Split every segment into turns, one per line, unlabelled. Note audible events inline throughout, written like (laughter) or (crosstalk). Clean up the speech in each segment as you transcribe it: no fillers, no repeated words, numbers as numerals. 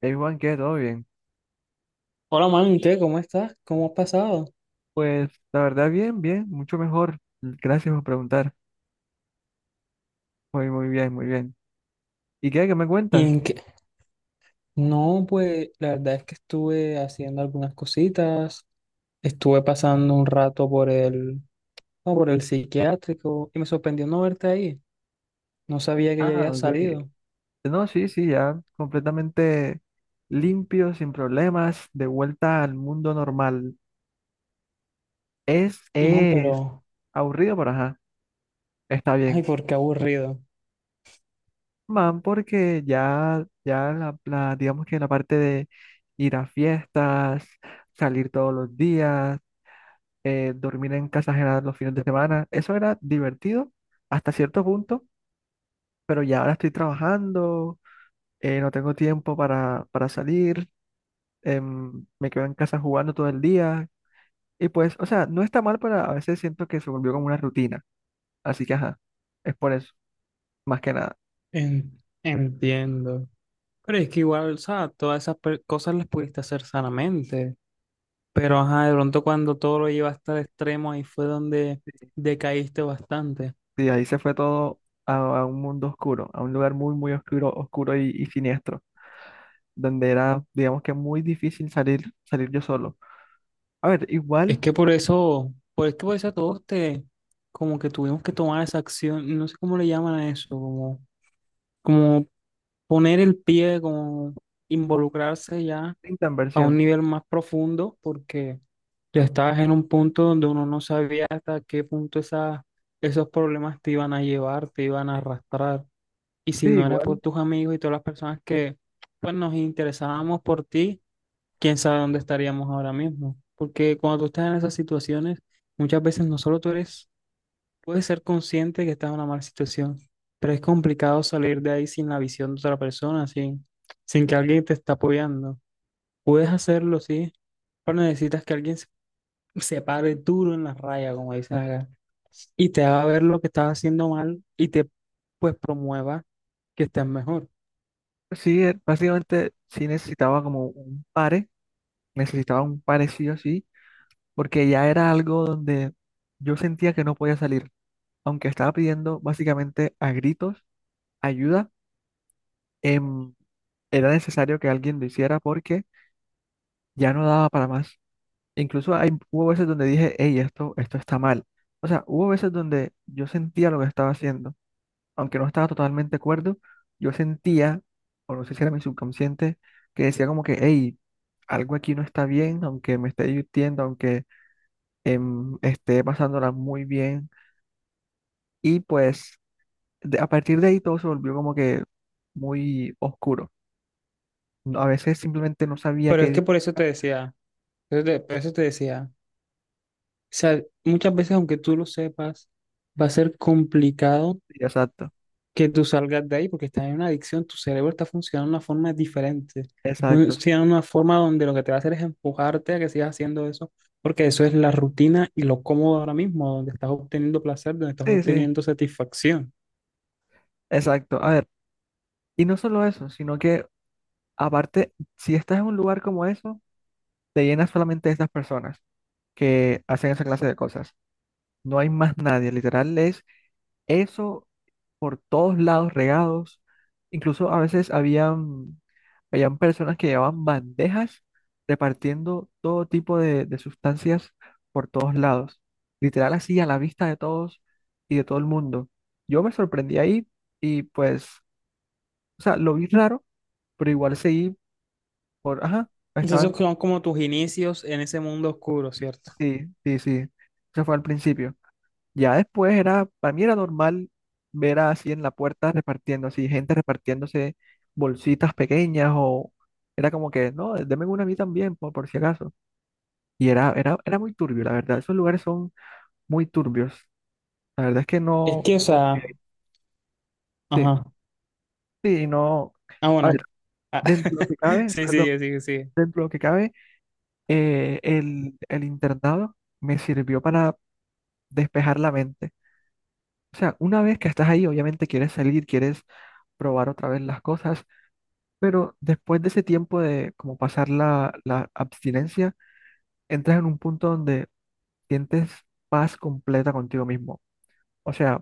Hey Juan, ¿qué? ¿Todo bien?
Hola, man, ¿qué? ¿Cómo estás? ¿Cómo has pasado?
Pues la verdad, bien, bien, mucho mejor. Gracias por preguntar. Muy, muy bien, muy bien. ¿Y qué? ¿Qué me
¿Y
cuentas?
en qué? No, pues la verdad es que estuve haciendo algunas cositas, estuve pasando un rato por el psiquiátrico y me sorprendió no verte ahí. No sabía que ya
Ah,
habías
ok.
salido.
No, sí, sí, ya completamente limpio, sin problemas, de vuelta al mundo normal. Es,
No,
es
pero,
aburrido, pero ajá, está
ay,
bien.
por qué aburrido.
Man, porque ya, ya digamos que la parte de ir a fiestas, salir todos los días. Dormir en casa ajena los fines de semana. Eso era divertido hasta cierto punto, pero ya ahora estoy trabajando. No tengo tiempo para salir. Me quedo en casa jugando todo el día. Y pues, o sea, no está mal, pero a veces siento que se volvió como una rutina. Así que, ajá, es por eso, más que nada.
Entiendo. Pero es que igual, o sea, todas cosas las pudiste hacer sanamente. Pero, ajá, de pronto cuando todo lo llevaste al extremo, ahí fue donde
Sí,
decaíste bastante.
sí, ahí se fue todo a, a un mundo oscuro, a un lugar muy, muy oscuro, oscuro y siniestro, donde era, digamos que muy difícil salir, salir yo solo. A ver,
Es
igual,
que por eso todos te, como que tuvimos que tomar esa acción, no sé cómo le llaman a eso, como, como poner el pie, como involucrarse ya
tanta
a un
inversión.
nivel más profundo, porque ya estabas en un punto donde uno no sabía hasta qué punto esos problemas te iban a llevar, te iban a arrastrar. Y si
Sí,
no era por
igual.
tus amigos y todas las personas que, pues, nos interesábamos por ti, quién sabe dónde estaríamos ahora mismo. Porque cuando tú estás en esas situaciones, muchas veces no solo tú eres, puedes ser consciente que estás en una mala situación, pero es complicado salir de ahí sin la visión de otra persona, sin que alguien te está apoyando. Puedes hacerlo, sí, pero necesitas que alguien se pare duro en la raya, como dicen acá, y te haga ver lo que estás haciendo mal y te, pues, promueva que estés mejor.
Sí, básicamente sí necesitaba como un pare, necesitaba un pare sí o sí, porque ya era algo donde yo sentía que no podía salir, aunque estaba pidiendo básicamente a gritos ayuda. em, Era necesario que alguien lo hiciera porque ya no daba para más. Incluso hubo veces donde dije, hey, esto está mal. O sea, hubo veces donde yo sentía lo que estaba haciendo, aunque no estaba totalmente de acuerdo, yo sentía, o no sé si era mi subconsciente, que decía como que, hey, algo aquí no está bien, aunque me esté divirtiendo, aunque esté pasándola muy bien. Y pues a partir de ahí todo se volvió como que muy oscuro. A veces simplemente no sabía
Pero es
qué.
que por eso te decía, por eso te decía. O sea, muchas veces, aunque tú lo sepas, va a ser complicado
Exacto,
que tú salgas de ahí porque estás en una adicción, tu cerebro está funcionando de una forma diferente. Está
exacto.
funcionando de una forma donde lo que te va a hacer es empujarte a que sigas haciendo eso, porque eso es la rutina y lo cómodo ahora mismo, donde estás obteniendo placer, donde estás
Sí, sí,
obteniendo satisfacción.
exacto. A ver, y no solo eso, sino que aparte, si estás en un lugar como eso, te llenas solamente de esas personas que hacen esa clase de cosas. No hay más nadie, literal es eso por todos lados regados. Incluso a veces habían personas que llevaban bandejas repartiendo todo tipo de sustancias por todos lados. Literal así a la vista de todos y de todo el mundo. Yo me sorprendí ahí y pues, o sea, lo vi raro, pero igual seguí por, ajá,
Entonces,
estaban,
esos son como tus inicios en ese mundo oscuro, ¿cierto?
sí, sí, sí. Eso fue al principio. Ya después era, para mí era normal ver así en la puerta repartiendo, así gente repartiéndose bolsitas pequeñas o era como que, no, deme una a mí también, por si acaso. Y era muy turbio, la verdad. Esos lugares son muy turbios. La verdad es que
Es
no,
que, o
no,
sea,
sí,
ajá.
sí, no.
Ah,
A ver,
bueno. Ah,
dentro de lo que
(laughs)
cabe,
sí,
perdón,
sigue, sigue, sigue.
dentro de lo que cabe, el internado me sirvió para despejar la mente. O sea, una vez que estás ahí, obviamente quieres salir, quieres probar otra vez las cosas. Pero después de ese tiempo de como pasar la abstinencia, entras en un punto donde sientes paz completa contigo mismo. O sea,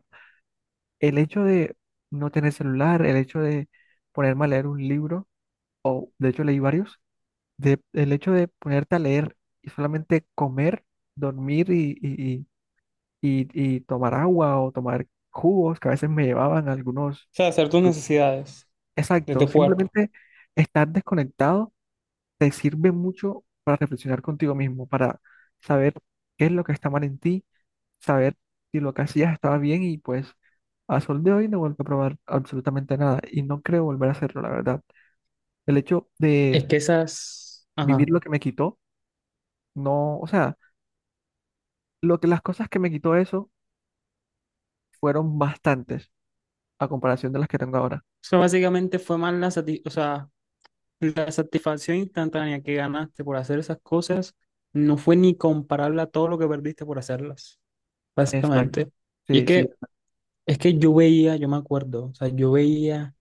el hecho de no tener celular, el hecho de ponerme a leer un libro, de hecho leí varios, de, el hecho de ponerte a leer y solamente comer, dormir y tomar agua o tomar jugos, que a veces me llevaban algunos.
O sea, hacer tus necesidades de
Exacto,
tu cuerpo.
simplemente estar desconectado te sirve mucho para reflexionar contigo mismo, para saber qué es lo que está mal en ti, saber si lo que hacías estaba bien y pues a sol de hoy no vuelvo a probar absolutamente nada y no creo volver a hacerlo, la verdad. El hecho de
Es que esas,
vivir
ajá,
lo que me quitó, no, o sea, lo que las cosas que me quitó eso fueron bastantes a comparación de las que tengo ahora.
eso básicamente fue más o sea, la satisfacción instantánea que ganaste por hacer esas cosas, no fue ni comparable a todo lo que perdiste por hacerlas,
Exacto.
básicamente. Y
Sí, sí,
es que yo veía, yo me acuerdo, o sea, yo veía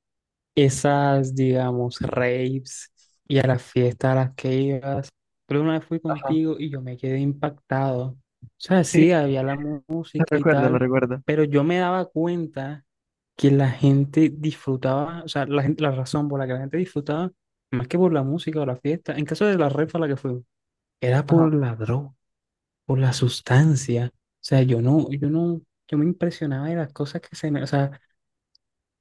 esas, digamos, raves y a las fiestas a las que ibas, pero una vez fui
ajá.
contigo y yo me quedé impactado. O sea,
Sí,
sí, había la
(laughs) lo
música y
recuerdo, lo
tal,
recuerdo.
pero yo me daba cuenta que la gente disfrutaba, o sea, la razón por la que la gente disfrutaba, más que por la música o la fiesta, en caso de la red a la que fue, era
Ajá.
por la droga, por la sustancia. O sea, yo no, yo no, yo me impresionaba de las cosas que se me,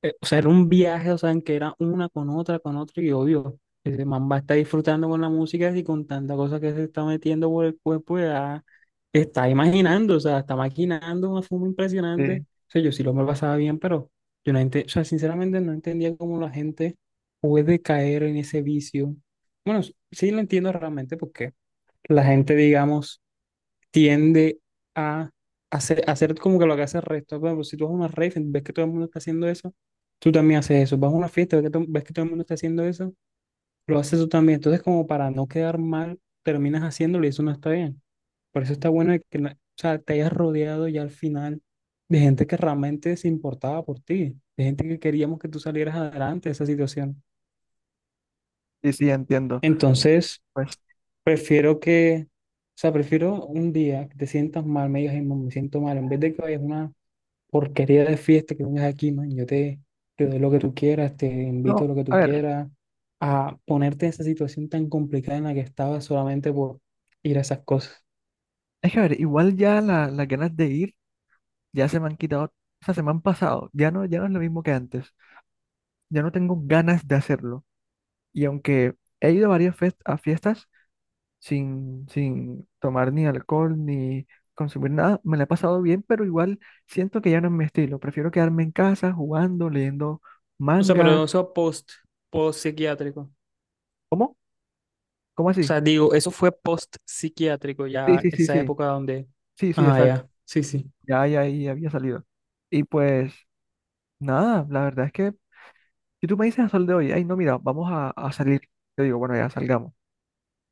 o sea, era un viaje, o sea, en que era una con otra, y obvio, ese man va a estar disfrutando con la música y con tanta cosa que se está metiendo por el cuerpo, ya está imaginando, o sea, está maquinando una forma impresionante.
Sí,
O sea, yo sí lo me lo pasaba bien, pero yo no entendía, o sea, sinceramente no entendía cómo la gente puede caer en ese vicio. Bueno, sí lo entiendo realmente porque la gente, digamos, tiende a hacer como que lo que hace el resto. Por ejemplo, si tú vas a una rave, ves que todo el mundo está haciendo eso, tú también haces eso. Vas a una fiesta, ves que todo el mundo está haciendo eso, lo haces tú también. Entonces, como para no quedar mal, terminas haciéndolo y eso no está bien. Por eso está bueno que o sea, te hayas rodeado ya al final de gente que realmente se importaba por ti, de gente que queríamos que tú salieras adelante de esa situación.
sí, sí, entiendo.
Entonces,
Pues,
prefiero que... O sea, prefiero un día que te sientas mal, me digas: "Ay, me siento mal", en vez de que vayas a una porquería de fiesta, que vengas aquí, man. Yo te, te doy lo que tú quieras, te invito a
no,
lo que
a
tú
ver,
quieras, a ponerte en esa situación tan complicada en la que estabas solamente por ir a esas cosas.
es que a ver, igual ya las ganas de ir ya se me han quitado, o sea, se me han pasado. Ya no, ya no es lo mismo que antes. Ya no tengo ganas de hacerlo. Y aunque he ido a varias a fiestas sin, sin tomar ni alcohol ni consumir nada, me la he pasado bien, pero igual siento que ya no es mi estilo. Prefiero quedarme en casa jugando, leyendo
O sea,
manga.
pero eso post, post psiquiátrico. O
¿Cómo? ¿Cómo así?
sea, digo, eso fue post psiquiátrico,
Sí,
ya
sí, sí,
esa
sí.
época donde.
Sí, sí,
Ah,
exacto.
ya, sí, sí.
Ya, ya, ya había salido. Y pues nada, la verdad es que si tú me dices a sol de hoy, ay, no, mira, vamos a salir. Yo digo, bueno, ya salgamos.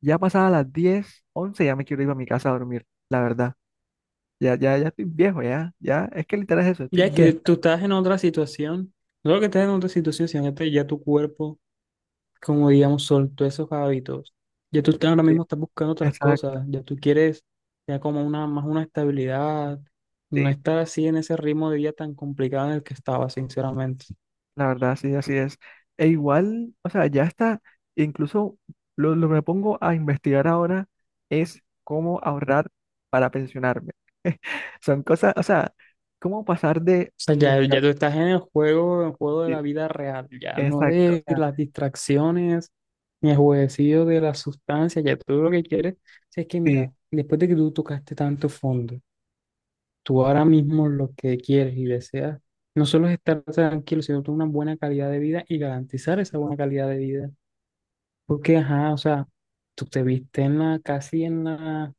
Ya pasadas las 10, 11 ya me quiero ir a mi casa a dormir, la verdad. Ya, ya, ya estoy viejo, ya, ya. Es que literal es eso, estoy
Ya es
viejo.
que tú estás en otra situación. No lo que estás en otra situación, sino que ya tu cuerpo, como digamos, soltó esos hábitos. Ahora
Sí,
mismo estás buscando otras
exacto,
cosas, ya tú quieres ya como una, más una estabilidad, no
sí,
estar así en ese ritmo de vida tan complicado en el que estaba, sinceramente.
la verdad, sí, así es. E igual, o sea, ya está, incluso lo que me pongo a investigar ahora es cómo ahorrar para pensionarme. (laughs) Son cosas, o sea, cómo pasar de
O sea, ya,
buscar,
ya tú estás en el juego de
sí,
la vida real, ya no
exacto, o
de
sea,
las distracciones, ni el jueguecillo de las sustancias, ya tú lo que quieres, si es que
sí,
mira, después de que tú tocaste tanto fondo, tú ahora mismo lo que quieres y deseas no solo es estar tranquilo, sino tener una buena calidad de vida y garantizar esa buena calidad de vida. Porque, ajá, o sea, tú te viste en la, casi en la,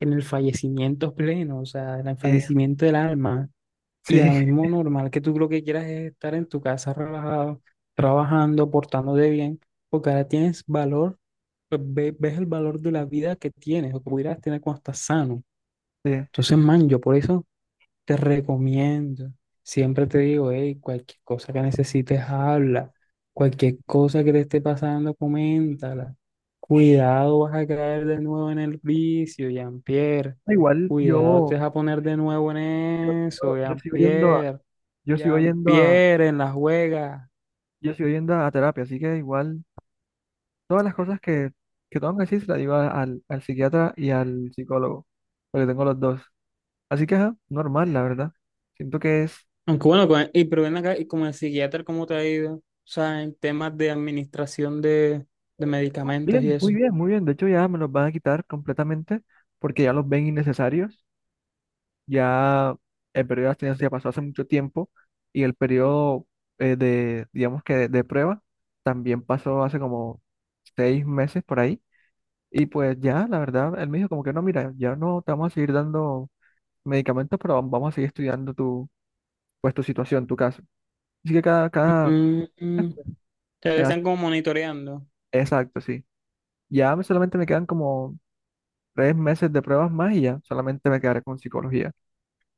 en el fallecimiento pleno, o sea, en el
sí,
fallecimiento del alma. Y ahora
sí, (laughs)
mismo normal que tú lo que quieras es estar en tu casa relajado, trabajando, portándote bien, porque ahora tienes valor, pues, ves el valor de la vida que tienes o que pudieras tener cuando estás sano.
sí.
Entonces, man, yo por eso te recomiendo. Siempre te digo, hey, cualquier cosa que necesites, habla. Cualquier cosa que te esté pasando, coméntala. Cuidado, vas a caer de nuevo en el vicio, Jean-Pierre.
Igual
Cuidado, te
yo,
vas a poner de nuevo en
yo, sigo-
eso,
yo sigo yendo a,
Jean-Pierre.
yo sigo yendo a
Jean-Pierre, en la juega.
yo sigo yendo a terapia, así que igual todas las cosas que tengo que decir se las digo al psiquiatra y al psicólogo, porque tengo los dos. Así que, ajá, normal, la verdad. Siento que es
Aunque bueno, pero ven acá, y como el psiquiatra, ¿cómo te ha ido? O sea, en temas de administración de medicamentos y
bien, muy
eso.
bien, muy bien. De hecho, ya me los van a quitar completamente porque ya los ven innecesarios. Ya el periodo de abstinencia pasó hace mucho tiempo y el periodo digamos que de prueba también pasó hace como 6 meses por ahí. Y pues ya, la verdad, él me dijo como que no, mira, ya no te vamos a seguir dando medicamentos, pero vamos a seguir estudiando tu, pues, tu situación, tu caso. Así que cada, cada,
Mm, mm, mm. Te
me
están como monitoreando.
exacto, sí. Solamente me quedan como 3 meses de pruebas más y ya, solamente me quedaré con psicología.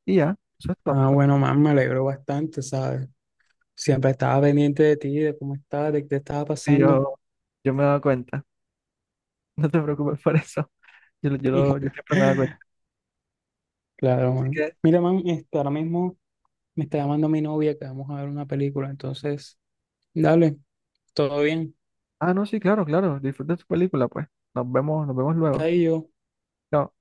Y ya, eso es todo.
Ah, bueno, man, me alegro bastante, ¿sabes? Siempre estaba pendiente de ti, de cómo estabas, de qué te estaba
Sí,
pasando.
yo me he dado cuenta, (laughs) no te preocupes por eso. Yo, yo, yo siempre me he dado cuenta.
(laughs) Claro,
Así
man.
que,
Mira, man, este, ahora mismo me está llamando mi novia que vamos a ver una película, entonces, dale, todo bien.
ah, no, sí, claro, claro, disfruta tu película, pues. Nos vemos luego.
Ahí yo.
Chao.